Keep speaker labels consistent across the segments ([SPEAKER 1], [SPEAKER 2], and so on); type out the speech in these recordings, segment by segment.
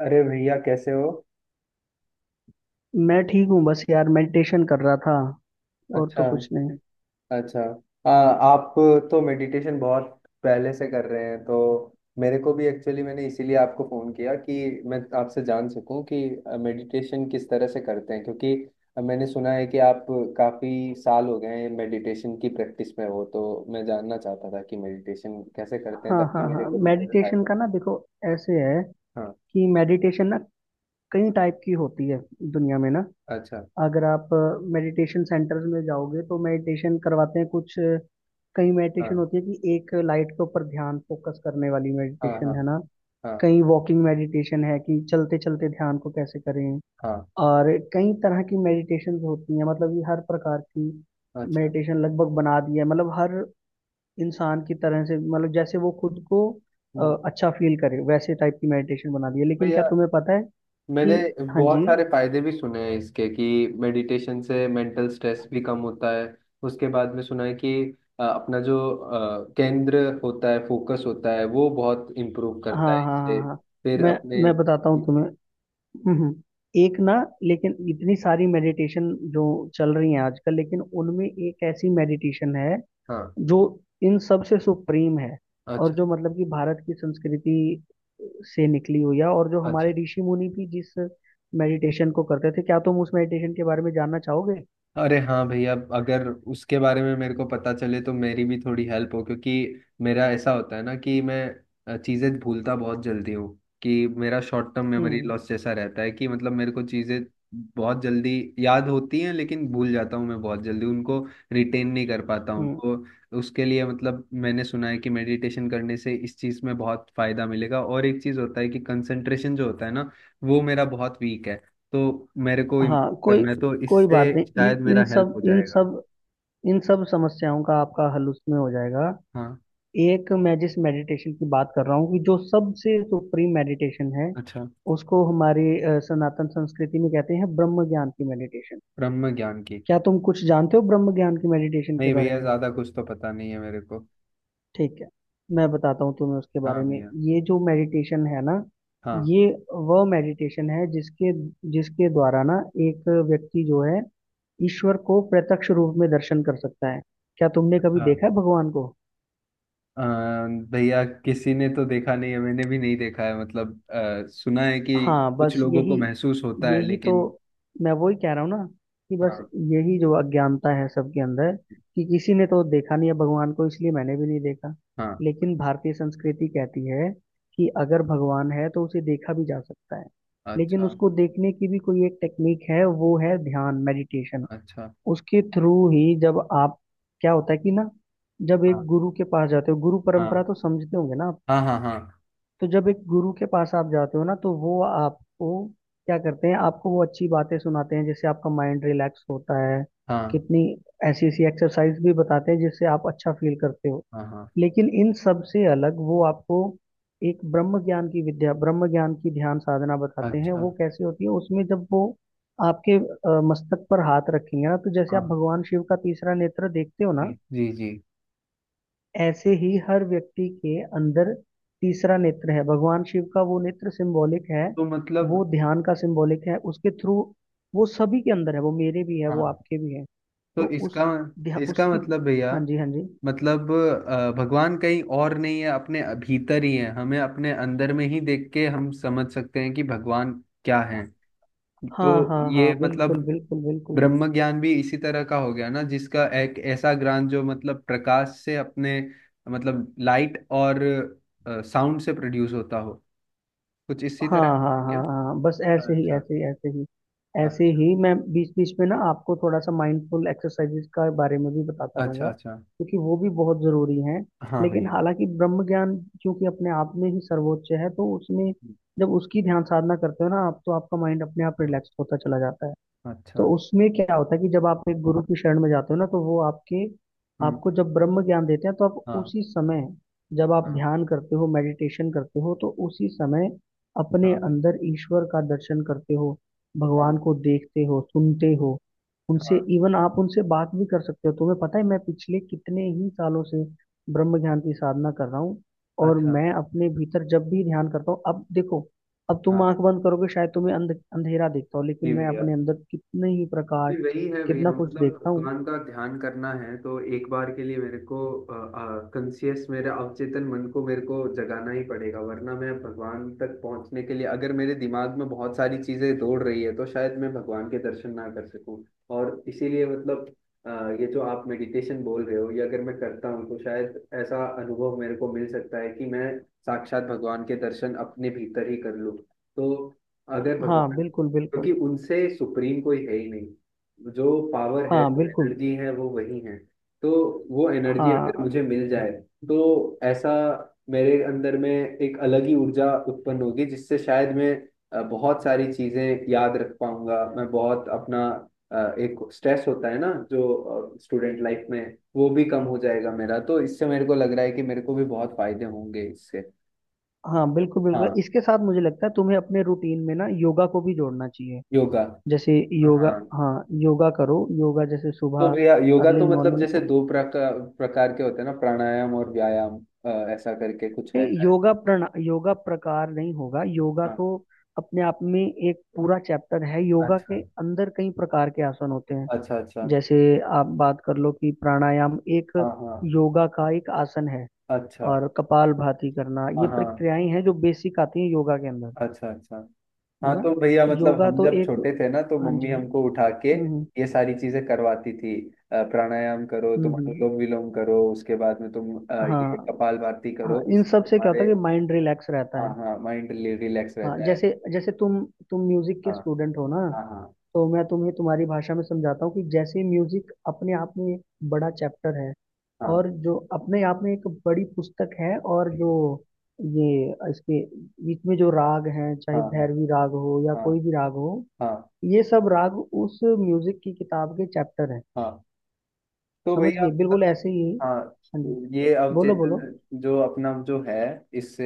[SPEAKER 1] अरे भैया कैसे हो।
[SPEAKER 2] मैं ठीक हूँ, बस यार, मेडिटेशन कर रहा था। और तो
[SPEAKER 1] अच्छा।
[SPEAKER 2] कुछ नहीं।
[SPEAKER 1] अच्छा। आप तो मेडिटेशन बहुत पहले से कर रहे हैं तो मेरे को भी एक्चुअली मैंने इसीलिए आपको फ़ोन किया कि मैं आपसे जान सकूं कि मेडिटेशन किस तरह से करते हैं क्योंकि मैंने सुना है कि आप काफ़ी साल हो गए हैं मेडिटेशन की प्रैक्टिस में हो तो मैं जानना चाहता था कि मेडिटेशन कैसे करते हैं
[SPEAKER 2] हाँ
[SPEAKER 1] ताकि
[SPEAKER 2] हाँ
[SPEAKER 1] मेरे
[SPEAKER 2] हाँ,
[SPEAKER 1] को भी बहुत
[SPEAKER 2] मेडिटेशन
[SPEAKER 1] फायदा हो।
[SPEAKER 2] का ना देखो ऐसे है
[SPEAKER 1] हाँ।
[SPEAKER 2] कि मेडिटेशन ना कई टाइप की होती है दुनिया में ना।
[SPEAKER 1] अच्छा।
[SPEAKER 2] अगर आप मेडिटेशन सेंटर्स में जाओगे तो मेडिटेशन करवाते हैं कुछ कई मेडिटेशन
[SPEAKER 1] हाँ
[SPEAKER 2] होती है कि एक लाइट के ऊपर ध्यान फोकस करने वाली
[SPEAKER 1] हाँ हाँ।
[SPEAKER 2] मेडिटेशन है ना।
[SPEAKER 1] हाँ।
[SPEAKER 2] कई वॉकिंग मेडिटेशन है कि चलते चलते ध्यान को कैसे करें।
[SPEAKER 1] हाँ।
[SPEAKER 2] और कई तरह की मेडिटेशन होती हैं, मतलब ये हर प्रकार की
[SPEAKER 1] अच्छा।
[SPEAKER 2] मेडिटेशन लगभग बना दी है, मतलब हर इंसान की तरह से, मतलब जैसे वो खुद को
[SPEAKER 1] हम्म।
[SPEAKER 2] अच्छा फील करे वैसे टाइप की मेडिटेशन बना दी है। लेकिन क्या
[SPEAKER 1] भैया
[SPEAKER 2] तुम्हें पता है
[SPEAKER 1] मैंने
[SPEAKER 2] कि? हाँ
[SPEAKER 1] बहुत
[SPEAKER 2] जी।
[SPEAKER 1] सारे फायदे भी सुने हैं इसके कि मेडिटेशन से मेंटल स्ट्रेस भी कम होता है। उसके बाद में सुना है कि अपना जो केंद्र होता है फोकस होता है वो बहुत इम्प्रूव
[SPEAKER 2] हाँ
[SPEAKER 1] करता है
[SPEAKER 2] हाँ हाँ
[SPEAKER 1] इससे
[SPEAKER 2] हाँ।
[SPEAKER 1] फिर
[SPEAKER 2] मैं
[SPEAKER 1] अपने।
[SPEAKER 2] मैं बताता हूँ तुम्हें। हम्म हम्म। एक ना, लेकिन इतनी सारी मेडिटेशन जो चल रही हैं आजकल, लेकिन उनमें एक ऐसी मेडिटेशन है
[SPEAKER 1] हाँ।
[SPEAKER 2] जो इन सब से सुप्रीम है। और
[SPEAKER 1] अच्छा।
[SPEAKER 2] जो मतलब कि भारत की संस्कृति से निकली हुई है और जो
[SPEAKER 1] अच्छा।
[SPEAKER 2] हमारे ऋषि मुनि भी जिस मेडिटेशन को करते थे, क्या तुम उस मेडिटेशन के बारे में जानना चाहोगे?
[SPEAKER 1] अरे हाँ भैया, अगर उसके बारे में मेरे को पता चले तो मेरी भी थोड़ी हेल्प हो, क्योंकि मेरा ऐसा होता है ना कि मैं चीज़ें भूलता बहुत जल्दी हूँ। कि मेरा शॉर्ट टर्म मेमोरी
[SPEAKER 2] हम्म
[SPEAKER 1] लॉस जैसा रहता है कि मतलब मेरे को चीज़ें बहुत जल्दी याद होती हैं लेकिन भूल जाता हूँ मैं बहुत जल्दी उनको, रिटेन नहीं कर पाता हूँ।
[SPEAKER 2] हम्म,
[SPEAKER 1] तो उसके लिए मतलब मैंने सुना है कि मेडिटेशन करने से इस चीज़ में बहुत फ़ायदा मिलेगा। और एक चीज़ होता है कि कंसंट्रेशन जो होता है ना, वो मेरा बहुत वीक है। तो मेरे को
[SPEAKER 2] हाँ। कोई
[SPEAKER 1] करना है तो
[SPEAKER 2] कोई
[SPEAKER 1] इससे
[SPEAKER 2] बात नहीं,
[SPEAKER 1] शायद
[SPEAKER 2] इन इन
[SPEAKER 1] मेरा हेल्प हो
[SPEAKER 2] सब इन
[SPEAKER 1] जाएगा।
[SPEAKER 2] सब इन सब समस्याओं का आपका हल उसमें हो जाएगा।
[SPEAKER 1] हाँ।
[SPEAKER 2] एक मैं जिस मेडिटेशन की बात कर रहा हूँ कि जो सबसे सुप्रीम मेडिटेशन है,
[SPEAKER 1] अच्छा।
[SPEAKER 2] उसको हमारी सनातन संस्कृति में कहते हैं ब्रह्म ज्ञान की मेडिटेशन।
[SPEAKER 1] ब्रह्म ज्ञान की।
[SPEAKER 2] क्या तुम कुछ जानते हो ब्रह्म ज्ञान की मेडिटेशन के
[SPEAKER 1] नहीं
[SPEAKER 2] बारे
[SPEAKER 1] भैया,
[SPEAKER 2] में?
[SPEAKER 1] ज्यादा कुछ तो पता नहीं है मेरे को।
[SPEAKER 2] ठीक है, मैं बताता हूँ तुम्हें उसके
[SPEAKER 1] हाँ
[SPEAKER 2] बारे में।
[SPEAKER 1] भैया।
[SPEAKER 2] ये जो मेडिटेशन है ना,
[SPEAKER 1] हाँ।
[SPEAKER 2] ये वह मेडिटेशन है जिसके जिसके द्वारा ना एक व्यक्ति जो है ईश्वर को प्रत्यक्ष रूप में दर्शन कर सकता है। क्या तुमने कभी
[SPEAKER 1] अच्छा।
[SPEAKER 2] देखा है भगवान को?
[SPEAKER 1] अ, भैया किसी ने तो देखा नहीं है, मैंने भी नहीं देखा है। मतलब सुना है कि
[SPEAKER 2] हाँ,
[SPEAKER 1] कुछ
[SPEAKER 2] बस
[SPEAKER 1] लोगों को
[SPEAKER 2] यही।
[SPEAKER 1] महसूस होता है,
[SPEAKER 2] यही तो
[SPEAKER 1] लेकिन
[SPEAKER 2] मैं वही कह रहा हूँ ना, कि बस
[SPEAKER 1] हाँ।
[SPEAKER 2] यही जो अज्ञानता है सबके अंदर, कि किसी ने तो देखा नहीं है भगवान को, इसलिए मैंने भी नहीं देखा।
[SPEAKER 1] हाँ।
[SPEAKER 2] लेकिन भारतीय संस्कृति कहती है कि अगर भगवान है तो उसे देखा भी जा सकता है। लेकिन
[SPEAKER 1] अच्छा।
[SPEAKER 2] उसको देखने की भी कोई एक टेक्निक है, वो है ध्यान मेडिटेशन।
[SPEAKER 1] अच्छा।
[SPEAKER 2] उसके थ्रू ही जब आप, क्या होता है कि ना, जब
[SPEAKER 1] हाँ
[SPEAKER 2] एक गुरु के पास जाते हो, गुरु परंपरा
[SPEAKER 1] हाँ
[SPEAKER 2] तो समझते होंगे ना आप?
[SPEAKER 1] हाँ। हाँ हाँ
[SPEAKER 2] तो जब एक गुरु के पास आप जाते हो ना, तो वो आपको, क्या करते हैं, आपको वो अच्छी बातें सुनाते हैं जिससे आपका माइंड रिलैक्स होता है।
[SPEAKER 1] हाँ।
[SPEAKER 2] कितनी ऐसी ऐसी एक्सरसाइज भी बताते हैं जिससे आप अच्छा फील करते हो।
[SPEAKER 1] हाँ हाँ।
[SPEAKER 2] लेकिन इन सब से अलग वो आपको एक ब्रह्म ज्ञान की विद्या, ब्रह्म ज्ञान की ध्यान साधना बताते हैं।
[SPEAKER 1] अच्छा।
[SPEAKER 2] वो कैसे होती है, उसमें जब वो आपके मस्तक पर हाथ रखेंगे ना, तो जैसे आप
[SPEAKER 1] हाँ।
[SPEAKER 2] भगवान शिव का तीसरा नेत्र देखते हो
[SPEAKER 1] जी
[SPEAKER 2] ना,
[SPEAKER 1] जी जी।
[SPEAKER 2] ऐसे ही हर व्यक्ति के अंदर तीसरा नेत्र है। भगवान शिव का वो नेत्र सिंबॉलिक है,
[SPEAKER 1] तो मतलब
[SPEAKER 2] वो ध्यान का सिंबॉलिक है। उसके थ्रू वो सभी के अंदर है, वो मेरे भी है, वो
[SPEAKER 1] हाँ।
[SPEAKER 2] आपके भी है। तो
[SPEAKER 1] तो इसका,
[SPEAKER 2] उस
[SPEAKER 1] इसका
[SPEAKER 2] उसकी।
[SPEAKER 1] मतलब भैया
[SPEAKER 2] हाँ जी हाँ जी।
[SPEAKER 1] मतलब भगवान कहीं और नहीं है, अपने भीतर ही है। हमें अपने अंदर में ही देख के हम समझ सकते हैं कि भगवान क्या है। तो
[SPEAKER 2] हाँ हाँ हाँ,
[SPEAKER 1] ये मतलब
[SPEAKER 2] बिल्कुल बिल्कुल बिल्कुल।
[SPEAKER 1] ब्रह्म ज्ञान भी इसी तरह का हो गया ना, जिसका एक ऐसा ज्ञान जो मतलब प्रकाश से अपने मतलब लाइट और साउंड से प्रोड्यूस होता हो। कुछ इसी तरह
[SPEAKER 2] हाँ
[SPEAKER 1] का
[SPEAKER 2] हाँ
[SPEAKER 1] है
[SPEAKER 2] हाँ
[SPEAKER 1] क्या?
[SPEAKER 2] हाँ, बस ऐसे ही
[SPEAKER 1] अच्छा।
[SPEAKER 2] ऐसे ही ऐसे ही। ऐसे
[SPEAKER 1] अच्छा।
[SPEAKER 2] ही मैं बीच बीच में ना आपको थोड़ा सा माइंडफुल एक्सरसाइजेज का बारे में भी बताता
[SPEAKER 1] अच्छा।
[SPEAKER 2] रहूंगा
[SPEAKER 1] अच्छा।
[SPEAKER 2] क्योंकि वो भी बहुत जरूरी हैं।
[SPEAKER 1] हाँ
[SPEAKER 2] लेकिन
[SPEAKER 1] भैया।
[SPEAKER 2] हालांकि ब्रह्म ज्ञान, क्योंकि अपने आप में ही सर्वोच्च है, तो उसमें जब उसकी ध्यान साधना करते हो ना आप, तो आपका माइंड अपने आप
[SPEAKER 1] हाँ,
[SPEAKER 2] रिलैक्स होता चला जाता है।
[SPEAKER 1] अच्छा।
[SPEAKER 2] तो उसमें क्या होता है कि जब आप एक गुरु की शरण में जाते हो ना, तो वो आपके,
[SPEAKER 1] हम्म।
[SPEAKER 2] आपको जब ब्रह्म ज्ञान देते हैं, तो आप
[SPEAKER 1] हाँ
[SPEAKER 2] उसी समय, जब आप
[SPEAKER 1] हाँ
[SPEAKER 2] ध्यान करते हो, मेडिटेशन करते हो, तो उसी समय अपने
[SPEAKER 1] हाँ।
[SPEAKER 2] अंदर ईश्वर का दर्शन करते हो,
[SPEAKER 1] हाँ
[SPEAKER 2] भगवान को देखते हो, सुनते हो, उनसे
[SPEAKER 1] हाँ।
[SPEAKER 2] इवन आप उनसे बात भी कर सकते हो। तुम्हें पता है, मैं पिछले कितने ही सालों से ब्रह्म ज्ञान की साधना कर रहा हूँ, और
[SPEAKER 1] अच्छा।
[SPEAKER 2] मैं अपने भीतर जब भी ध्यान करता हूँ, अब देखो, अब तुम
[SPEAKER 1] हाँ।
[SPEAKER 2] आंख बंद करोगे शायद तुम्हें अंधेरा देखता हो,
[SPEAKER 1] जी
[SPEAKER 2] लेकिन मैं
[SPEAKER 1] भैया,
[SPEAKER 2] अपने अंदर कितने ही
[SPEAKER 1] जी
[SPEAKER 2] प्रकाश,
[SPEAKER 1] वही है भैया।
[SPEAKER 2] कितना कुछ
[SPEAKER 1] मतलब
[SPEAKER 2] देखता हूँ।
[SPEAKER 1] भगवान का ध्यान करना है तो एक बार के लिए मेरे को कंसियस, मेरे अवचेतन मन को मेरे को जगाना ही पड़ेगा, वरना मैं भगवान तक पहुंचने के लिए, अगर मेरे दिमाग में बहुत सारी चीजें दौड़ रही है, तो शायद मैं भगवान के दर्शन ना कर सकूं। और इसीलिए मतलब ये जो आप मेडिटेशन बोल रहे हो, ये अगर मैं करता हूँ तो शायद ऐसा अनुभव मेरे को मिल सकता है कि मैं साक्षात भगवान के दर्शन अपने भीतर ही कर लूँ। तो अगर
[SPEAKER 2] हाँ
[SPEAKER 1] भगवान,
[SPEAKER 2] बिल्कुल
[SPEAKER 1] क्योंकि
[SPEAKER 2] बिल्कुल।
[SPEAKER 1] उनसे सुप्रीम कोई है ही नहीं, जो पावर है
[SPEAKER 2] हाँ
[SPEAKER 1] जो
[SPEAKER 2] बिल्कुल।
[SPEAKER 1] एनर्जी है वो वही है। तो वो एनर्जी अगर
[SPEAKER 2] हाँ
[SPEAKER 1] मुझे मिल जाए तो ऐसा मेरे अंदर में एक अलग ही ऊर्जा उत्पन्न होगी, जिससे शायद मैं बहुत सारी चीजें याद रख पाऊंगा। मैं बहुत अपना एक स्ट्रेस होता है ना जो स्टूडेंट लाइफ में, वो भी कम हो जाएगा मेरा। तो इससे मेरे को लग रहा है कि मेरे को भी बहुत फायदे होंगे इससे।
[SPEAKER 2] हाँ बिल्कुल बिल्कुल,
[SPEAKER 1] हाँ।
[SPEAKER 2] इसके साथ मुझे लगता है तुम्हें अपने रूटीन में ना योगा को भी जोड़ना चाहिए।
[SPEAKER 1] योगा।
[SPEAKER 2] जैसे योगा,
[SPEAKER 1] हाँ
[SPEAKER 2] हाँ योगा करो योगा, जैसे
[SPEAKER 1] तो
[SPEAKER 2] सुबह
[SPEAKER 1] भैया योगा
[SPEAKER 2] अर्ली
[SPEAKER 1] तो मतलब
[SPEAKER 2] मॉर्निंग।
[SPEAKER 1] जैसे दो प्रकार प्रकार के होते हैं ना, प्राणायाम और व्यायाम। अ, ऐसा करके कुछ है
[SPEAKER 2] नहीं,
[SPEAKER 1] शायद।
[SPEAKER 2] योगा प्रकार नहीं होगा, योगा
[SPEAKER 1] हाँ।
[SPEAKER 2] तो अपने आप में एक पूरा चैप्टर है, योगा
[SPEAKER 1] अच्छा
[SPEAKER 2] के अंदर कई प्रकार के आसन होते हैं।
[SPEAKER 1] अच्छा। अच्छा।
[SPEAKER 2] जैसे आप बात कर लो कि प्राणायाम एक
[SPEAKER 1] हाँ हाँ।
[SPEAKER 2] योगा का एक आसन है,
[SPEAKER 1] अच्छा।
[SPEAKER 2] और कपालभाति करना,
[SPEAKER 1] हाँ
[SPEAKER 2] ये
[SPEAKER 1] हाँ।
[SPEAKER 2] प्रक्रियाएं हैं जो बेसिक आती हैं योगा के अंदर,
[SPEAKER 1] अच्छा अच्छा।
[SPEAKER 2] है
[SPEAKER 1] हाँ
[SPEAKER 2] ना?
[SPEAKER 1] तो भैया मतलब
[SPEAKER 2] योगा
[SPEAKER 1] हम
[SPEAKER 2] तो
[SPEAKER 1] जब
[SPEAKER 2] एक।
[SPEAKER 1] छोटे थे ना, तो
[SPEAKER 2] हाँ
[SPEAKER 1] मम्मी
[SPEAKER 2] जी।
[SPEAKER 1] हमको
[SPEAKER 2] हम्म
[SPEAKER 1] उठा के
[SPEAKER 2] हम्म
[SPEAKER 1] ये सारी चीजें करवाती थी। प्राणायाम करो, तुम
[SPEAKER 2] हम्म।
[SPEAKER 1] अनुलोम विलोम करो, उसके बाद में तुम ये
[SPEAKER 2] हाँ
[SPEAKER 1] कपालभाति
[SPEAKER 2] हाँ,
[SPEAKER 1] करो,
[SPEAKER 2] इन
[SPEAKER 1] इससे
[SPEAKER 2] सब से क्या होता
[SPEAKER 1] हमारे।
[SPEAKER 2] है कि माइंड रिलैक्स
[SPEAKER 1] हाँ
[SPEAKER 2] रहता है।
[SPEAKER 1] हाँ, माइंड रिलैक्स
[SPEAKER 2] हाँ,
[SPEAKER 1] रहता है।
[SPEAKER 2] जैसे जैसे तुम म्यूजिक के
[SPEAKER 1] हाँ
[SPEAKER 2] स्टूडेंट हो ना,
[SPEAKER 1] हाँ। हाँ
[SPEAKER 2] तो मैं तुम्हें तुम्हारी भाषा में समझाता हूँ कि जैसे म्यूजिक अपने आप में एक बड़ा चैप्टर है,
[SPEAKER 1] हाँ
[SPEAKER 2] और जो अपने आप में एक बड़ी पुस्तक है, और जो, ये, इसके बीच में जो राग हैं
[SPEAKER 1] हाँ।
[SPEAKER 2] चाहे
[SPEAKER 1] हाँ
[SPEAKER 2] भैरवी राग हो या
[SPEAKER 1] हाँ।
[SPEAKER 2] कोई भी राग हो,
[SPEAKER 1] हाँ
[SPEAKER 2] ये सब राग उस म्यूजिक की किताब के चैप्टर हैं,
[SPEAKER 1] हाँ। तो
[SPEAKER 2] समझ
[SPEAKER 1] भैया
[SPEAKER 2] गए? बिल्कुल
[SPEAKER 1] मतलब
[SPEAKER 2] ऐसे ही।
[SPEAKER 1] हाँ,
[SPEAKER 2] हाँ जी।
[SPEAKER 1] तो ये
[SPEAKER 2] बोलो
[SPEAKER 1] अवचेतन
[SPEAKER 2] बोलो।
[SPEAKER 1] जो अपना जो है, इससे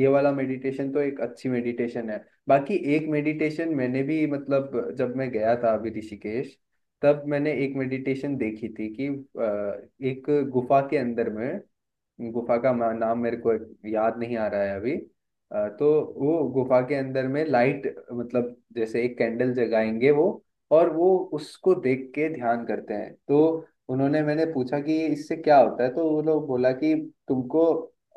[SPEAKER 1] ये वाला मेडिटेशन तो एक अच्छी मेडिटेशन है। बाकी एक मेडिटेशन मैंने भी मतलब, जब मैं गया था अभी ऋषिकेश, तब मैंने एक मेडिटेशन देखी थी कि एक गुफा के अंदर में, गुफा का मा- नाम मेरे को याद नहीं आ रहा है अभी। तो वो गुफा के अंदर में लाइट, मतलब जैसे एक कैंडल जगाएंगे वो, और वो उसको देख के ध्यान करते हैं। तो उन्होंने, मैंने पूछा कि इससे क्या होता है, तो वो लोग बोला कि तुमको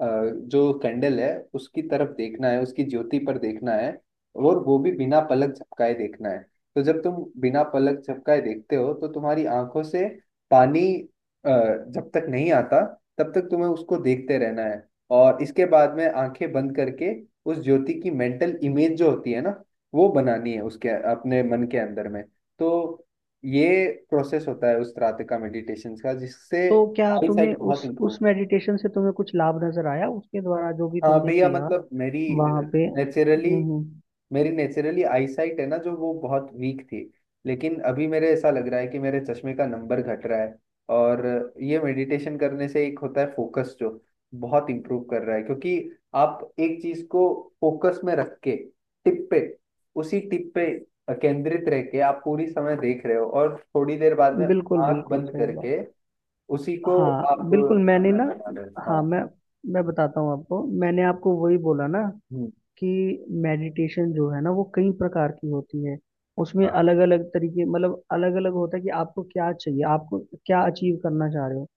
[SPEAKER 1] जो कैंडल है उसकी तरफ देखना है, उसकी ज्योति पर देखना है, और वो भी बिना पलक झपकाए देखना है। तो जब तुम बिना पलक झपकाए देखते हो तो तुम्हारी आंखों से पानी जब तक नहीं आता, तब तक तुम्हें उसको देखते रहना है। और इसके बाद में आंखें बंद करके उस ज्योति की मेंटल इमेज जो होती है ना, वो बनानी है उसके अपने मन के अंदर में। तो ये प्रोसेस होता है उस रात का मेडिटेशन का, जिससे
[SPEAKER 2] तो क्या
[SPEAKER 1] आई
[SPEAKER 2] तुम्हें
[SPEAKER 1] साइट बहुत
[SPEAKER 2] उस
[SPEAKER 1] इंप्रूव।
[SPEAKER 2] उस मेडिटेशन से तुम्हें कुछ लाभ नजर आया उसके द्वारा जो भी
[SPEAKER 1] हाँ
[SPEAKER 2] तुमने
[SPEAKER 1] भैया
[SPEAKER 2] किया?
[SPEAKER 1] मतलब मेरी
[SPEAKER 2] वहां पे।
[SPEAKER 1] नेचुरली,
[SPEAKER 2] हम्म।
[SPEAKER 1] मेरी नेचुरली आईसाइट है ना जो, वो बहुत वीक थी, लेकिन अभी मेरे ऐसा लग रहा है कि मेरे चश्मे का नंबर घट रहा है। और ये मेडिटेशन करने से एक होता है फोकस, जो बहुत इम्प्रूव कर रहा है, क्योंकि आप एक चीज को फोकस में रख के, टिप पे, उसी टिप पे केंद्रित रह के आप पूरी समय देख रहे हो, और थोड़ी देर बाद में
[SPEAKER 2] बिल्कुल
[SPEAKER 1] आंख
[SPEAKER 2] बिल्कुल
[SPEAKER 1] बंद
[SPEAKER 2] सही बात।
[SPEAKER 1] करके उसी को
[SPEAKER 2] हाँ
[SPEAKER 1] आप
[SPEAKER 2] बिल्कुल, मैंने
[SPEAKER 1] खाना
[SPEAKER 2] ना,
[SPEAKER 1] बना रहे हो। हाँ।
[SPEAKER 2] हाँ मैं बताता हूँ आपको, मैंने आपको वही बोला ना
[SPEAKER 1] हम्म,
[SPEAKER 2] कि मेडिटेशन जो है ना वो कई प्रकार की होती है, उसमें
[SPEAKER 1] हाँ
[SPEAKER 2] अलग अलग तरीके, मतलब अलग अलग होता है कि आपको क्या चाहिए, आपको क्या अचीव करना चाह रहे हो।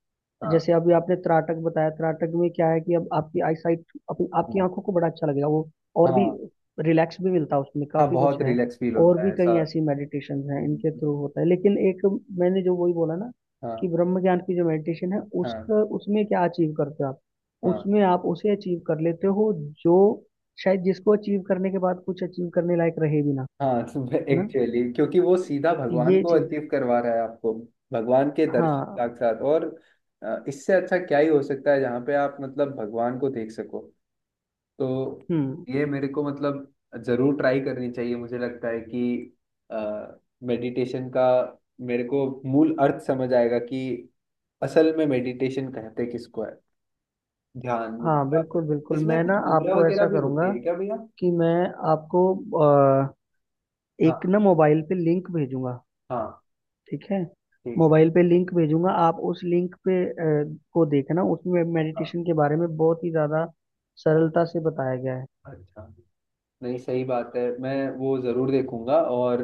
[SPEAKER 1] हाँ
[SPEAKER 2] जैसे अभी आपने त्राटक बताया, त्राटक में क्या है कि अब आपकी आई साइट, अपनी आपकी
[SPEAKER 1] हाँ।
[SPEAKER 2] आंखों को बड़ा अच्छा लगेगा वो, और भी
[SPEAKER 1] हाँ।
[SPEAKER 2] रिलैक्स भी मिलता है, उसमें
[SPEAKER 1] हाँ,
[SPEAKER 2] काफी कुछ
[SPEAKER 1] बहुत
[SPEAKER 2] है।
[SPEAKER 1] रिलैक्स फील
[SPEAKER 2] और
[SPEAKER 1] होता
[SPEAKER 2] भी
[SPEAKER 1] है
[SPEAKER 2] कई
[SPEAKER 1] ऐसा।
[SPEAKER 2] ऐसी मेडिटेशन हैं
[SPEAKER 1] हम्म,
[SPEAKER 2] इनके
[SPEAKER 1] हम्म,
[SPEAKER 2] थ्रू होता है, लेकिन एक, मैंने जो वही बोला ना कि
[SPEAKER 1] हाँ
[SPEAKER 2] ब्रह्म ज्ञान की जो मेडिटेशन है
[SPEAKER 1] हाँ।
[SPEAKER 2] उसका, उसमें क्या अचीव करते हो आप,
[SPEAKER 1] हाँ
[SPEAKER 2] उसमें आप उसे अचीव कर लेते हो जो, शायद जिसको अचीव करने के बाद कुछ अचीव करने लायक रहे भी ना,
[SPEAKER 1] हाँ।
[SPEAKER 2] है ना?
[SPEAKER 1] एक्चुअली क्योंकि वो सीधा भगवान
[SPEAKER 2] ये
[SPEAKER 1] को
[SPEAKER 2] चीज।
[SPEAKER 1] अचीव करवा रहा है आपको, भगवान के दर्शन
[SPEAKER 2] हाँ
[SPEAKER 1] साक्षात। और इससे अच्छा क्या ही हो सकता है जहाँ पे आप मतलब भगवान को देख सको। तो
[SPEAKER 2] हम्म।
[SPEAKER 1] ये मेरे को मतलब जरूर ट्राई करनी चाहिए। मुझे लगता है कि मेडिटेशन का मेरे को मूल अर्थ समझ आएगा कि असल में मेडिटेशन कहते किसको है। ध्यान
[SPEAKER 2] हाँ
[SPEAKER 1] मुद्रा,
[SPEAKER 2] बिल्कुल बिल्कुल,
[SPEAKER 1] इसमें
[SPEAKER 2] मैं ना
[SPEAKER 1] कुछ मुद्रा
[SPEAKER 2] आपको
[SPEAKER 1] वगैरह
[SPEAKER 2] ऐसा
[SPEAKER 1] भी
[SPEAKER 2] करूंगा
[SPEAKER 1] होती है क्या भैया?
[SPEAKER 2] कि मैं आपको अ,
[SPEAKER 1] हाँ।
[SPEAKER 2] एक ना मोबाइल पे लिंक भेजूंगा।
[SPEAKER 1] हाँ।
[SPEAKER 2] ठीक है,
[SPEAKER 1] ठीक है।
[SPEAKER 2] मोबाइल पे लिंक भेजूंगा, आप उस लिंक पे को देखना, उसमें
[SPEAKER 1] हाँ।
[SPEAKER 2] मेडिटेशन के बारे में बहुत ही ज्यादा सरलता से बताया गया है।
[SPEAKER 1] अच्छा। नहीं सही बात है, मैं वो जरूर देखूंगा। और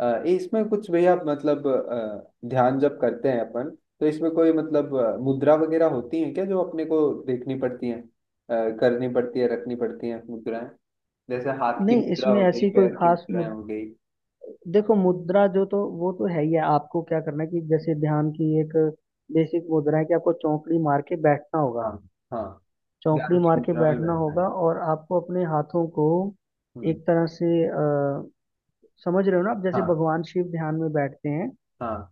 [SPEAKER 1] इसमें कुछ भैया मतलब ध्यान जब करते हैं अपन, तो इसमें कोई मतलब मुद्रा वगैरह होती है क्या, जो अपने को देखनी पड़ती है, करनी पड़ती है, रखनी पड़ती है मुद्राएं? जैसे हाथ की
[SPEAKER 2] नहीं,
[SPEAKER 1] मुद्रा
[SPEAKER 2] इसमें
[SPEAKER 1] हो गई,
[SPEAKER 2] ऐसी कोई
[SPEAKER 1] पैर की
[SPEAKER 2] खास
[SPEAKER 1] मुद्राएं हो गई।
[SPEAKER 2] देखो, मुद्रा जो, तो वो तो है ही है, आपको क्या करना है कि जैसे ध्यान की एक बेसिक मुद्रा है कि आपको चौकड़ी मार के बैठना होगा,
[SPEAKER 1] हाँ हाँ।
[SPEAKER 2] चौकड़ी
[SPEAKER 1] ध्यान की
[SPEAKER 2] मार के
[SPEAKER 1] मुद्रा में
[SPEAKER 2] बैठना
[SPEAKER 1] बैठना है।
[SPEAKER 2] होगा, और आपको अपने हाथों को
[SPEAKER 1] हम्म।
[SPEAKER 2] एक तरह से, समझ रहे हो ना आप, जैसे
[SPEAKER 1] हाँ
[SPEAKER 2] भगवान शिव ध्यान में बैठते हैं,
[SPEAKER 1] हाँ।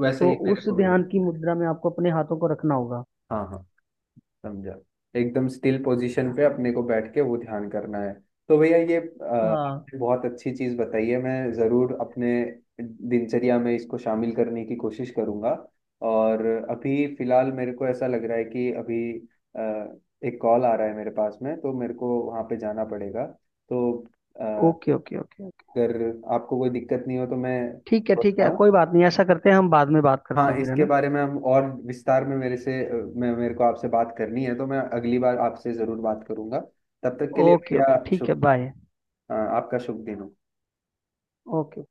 [SPEAKER 1] वैसे
[SPEAKER 2] तो
[SPEAKER 1] ही मेरे
[SPEAKER 2] उस
[SPEAKER 1] को भी
[SPEAKER 2] ध्यान
[SPEAKER 1] बैठ।
[SPEAKER 2] की मुद्रा में आपको अपने हाथों को रखना होगा।
[SPEAKER 1] हाँ हाँ, समझा। एकदम स्टिल पोजीशन पे अपने को बैठ के वो ध्यान करना है। तो भैया ये
[SPEAKER 2] हाँ।
[SPEAKER 1] आपने बहुत अच्छी चीज बताई है। मैं जरूर अपने दिनचर्या में इसको शामिल करने की कोशिश करूंगा। और अभी फिलहाल मेरे को ऐसा लग रहा है कि अभी अ, एक कॉल आ रहा है मेरे पास में, तो मेरे को वहाँ पे जाना पड़ेगा। तो अ,
[SPEAKER 2] ओके ओके ओके ओके।
[SPEAKER 1] अगर आपको कोई दिक्कत नहीं हो तो मैं
[SPEAKER 2] ठीक है ठीक है,
[SPEAKER 1] बताऊं?
[SPEAKER 2] कोई बात नहीं, ऐसा करते हैं, हम बाद में बात करते
[SPEAKER 1] हाँ,
[SPEAKER 2] हैं फिर, है
[SPEAKER 1] इसके
[SPEAKER 2] ना?
[SPEAKER 1] बारे में हम और विस्तार में मेरे से मैं, मेरे को आपसे बात करनी है तो मैं अगली बार आपसे जरूर बात करूंगा। तब तक के लिए
[SPEAKER 2] ओके ओके,
[SPEAKER 1] भैया
[SPEAKER 2] ठीक है,
[SPEAKER 1] शुभ,
[SPEAKER 2] बाय।
[SPEAKER 1] आपका शुभ दिन हो।
[SPEAKER 2] ओके।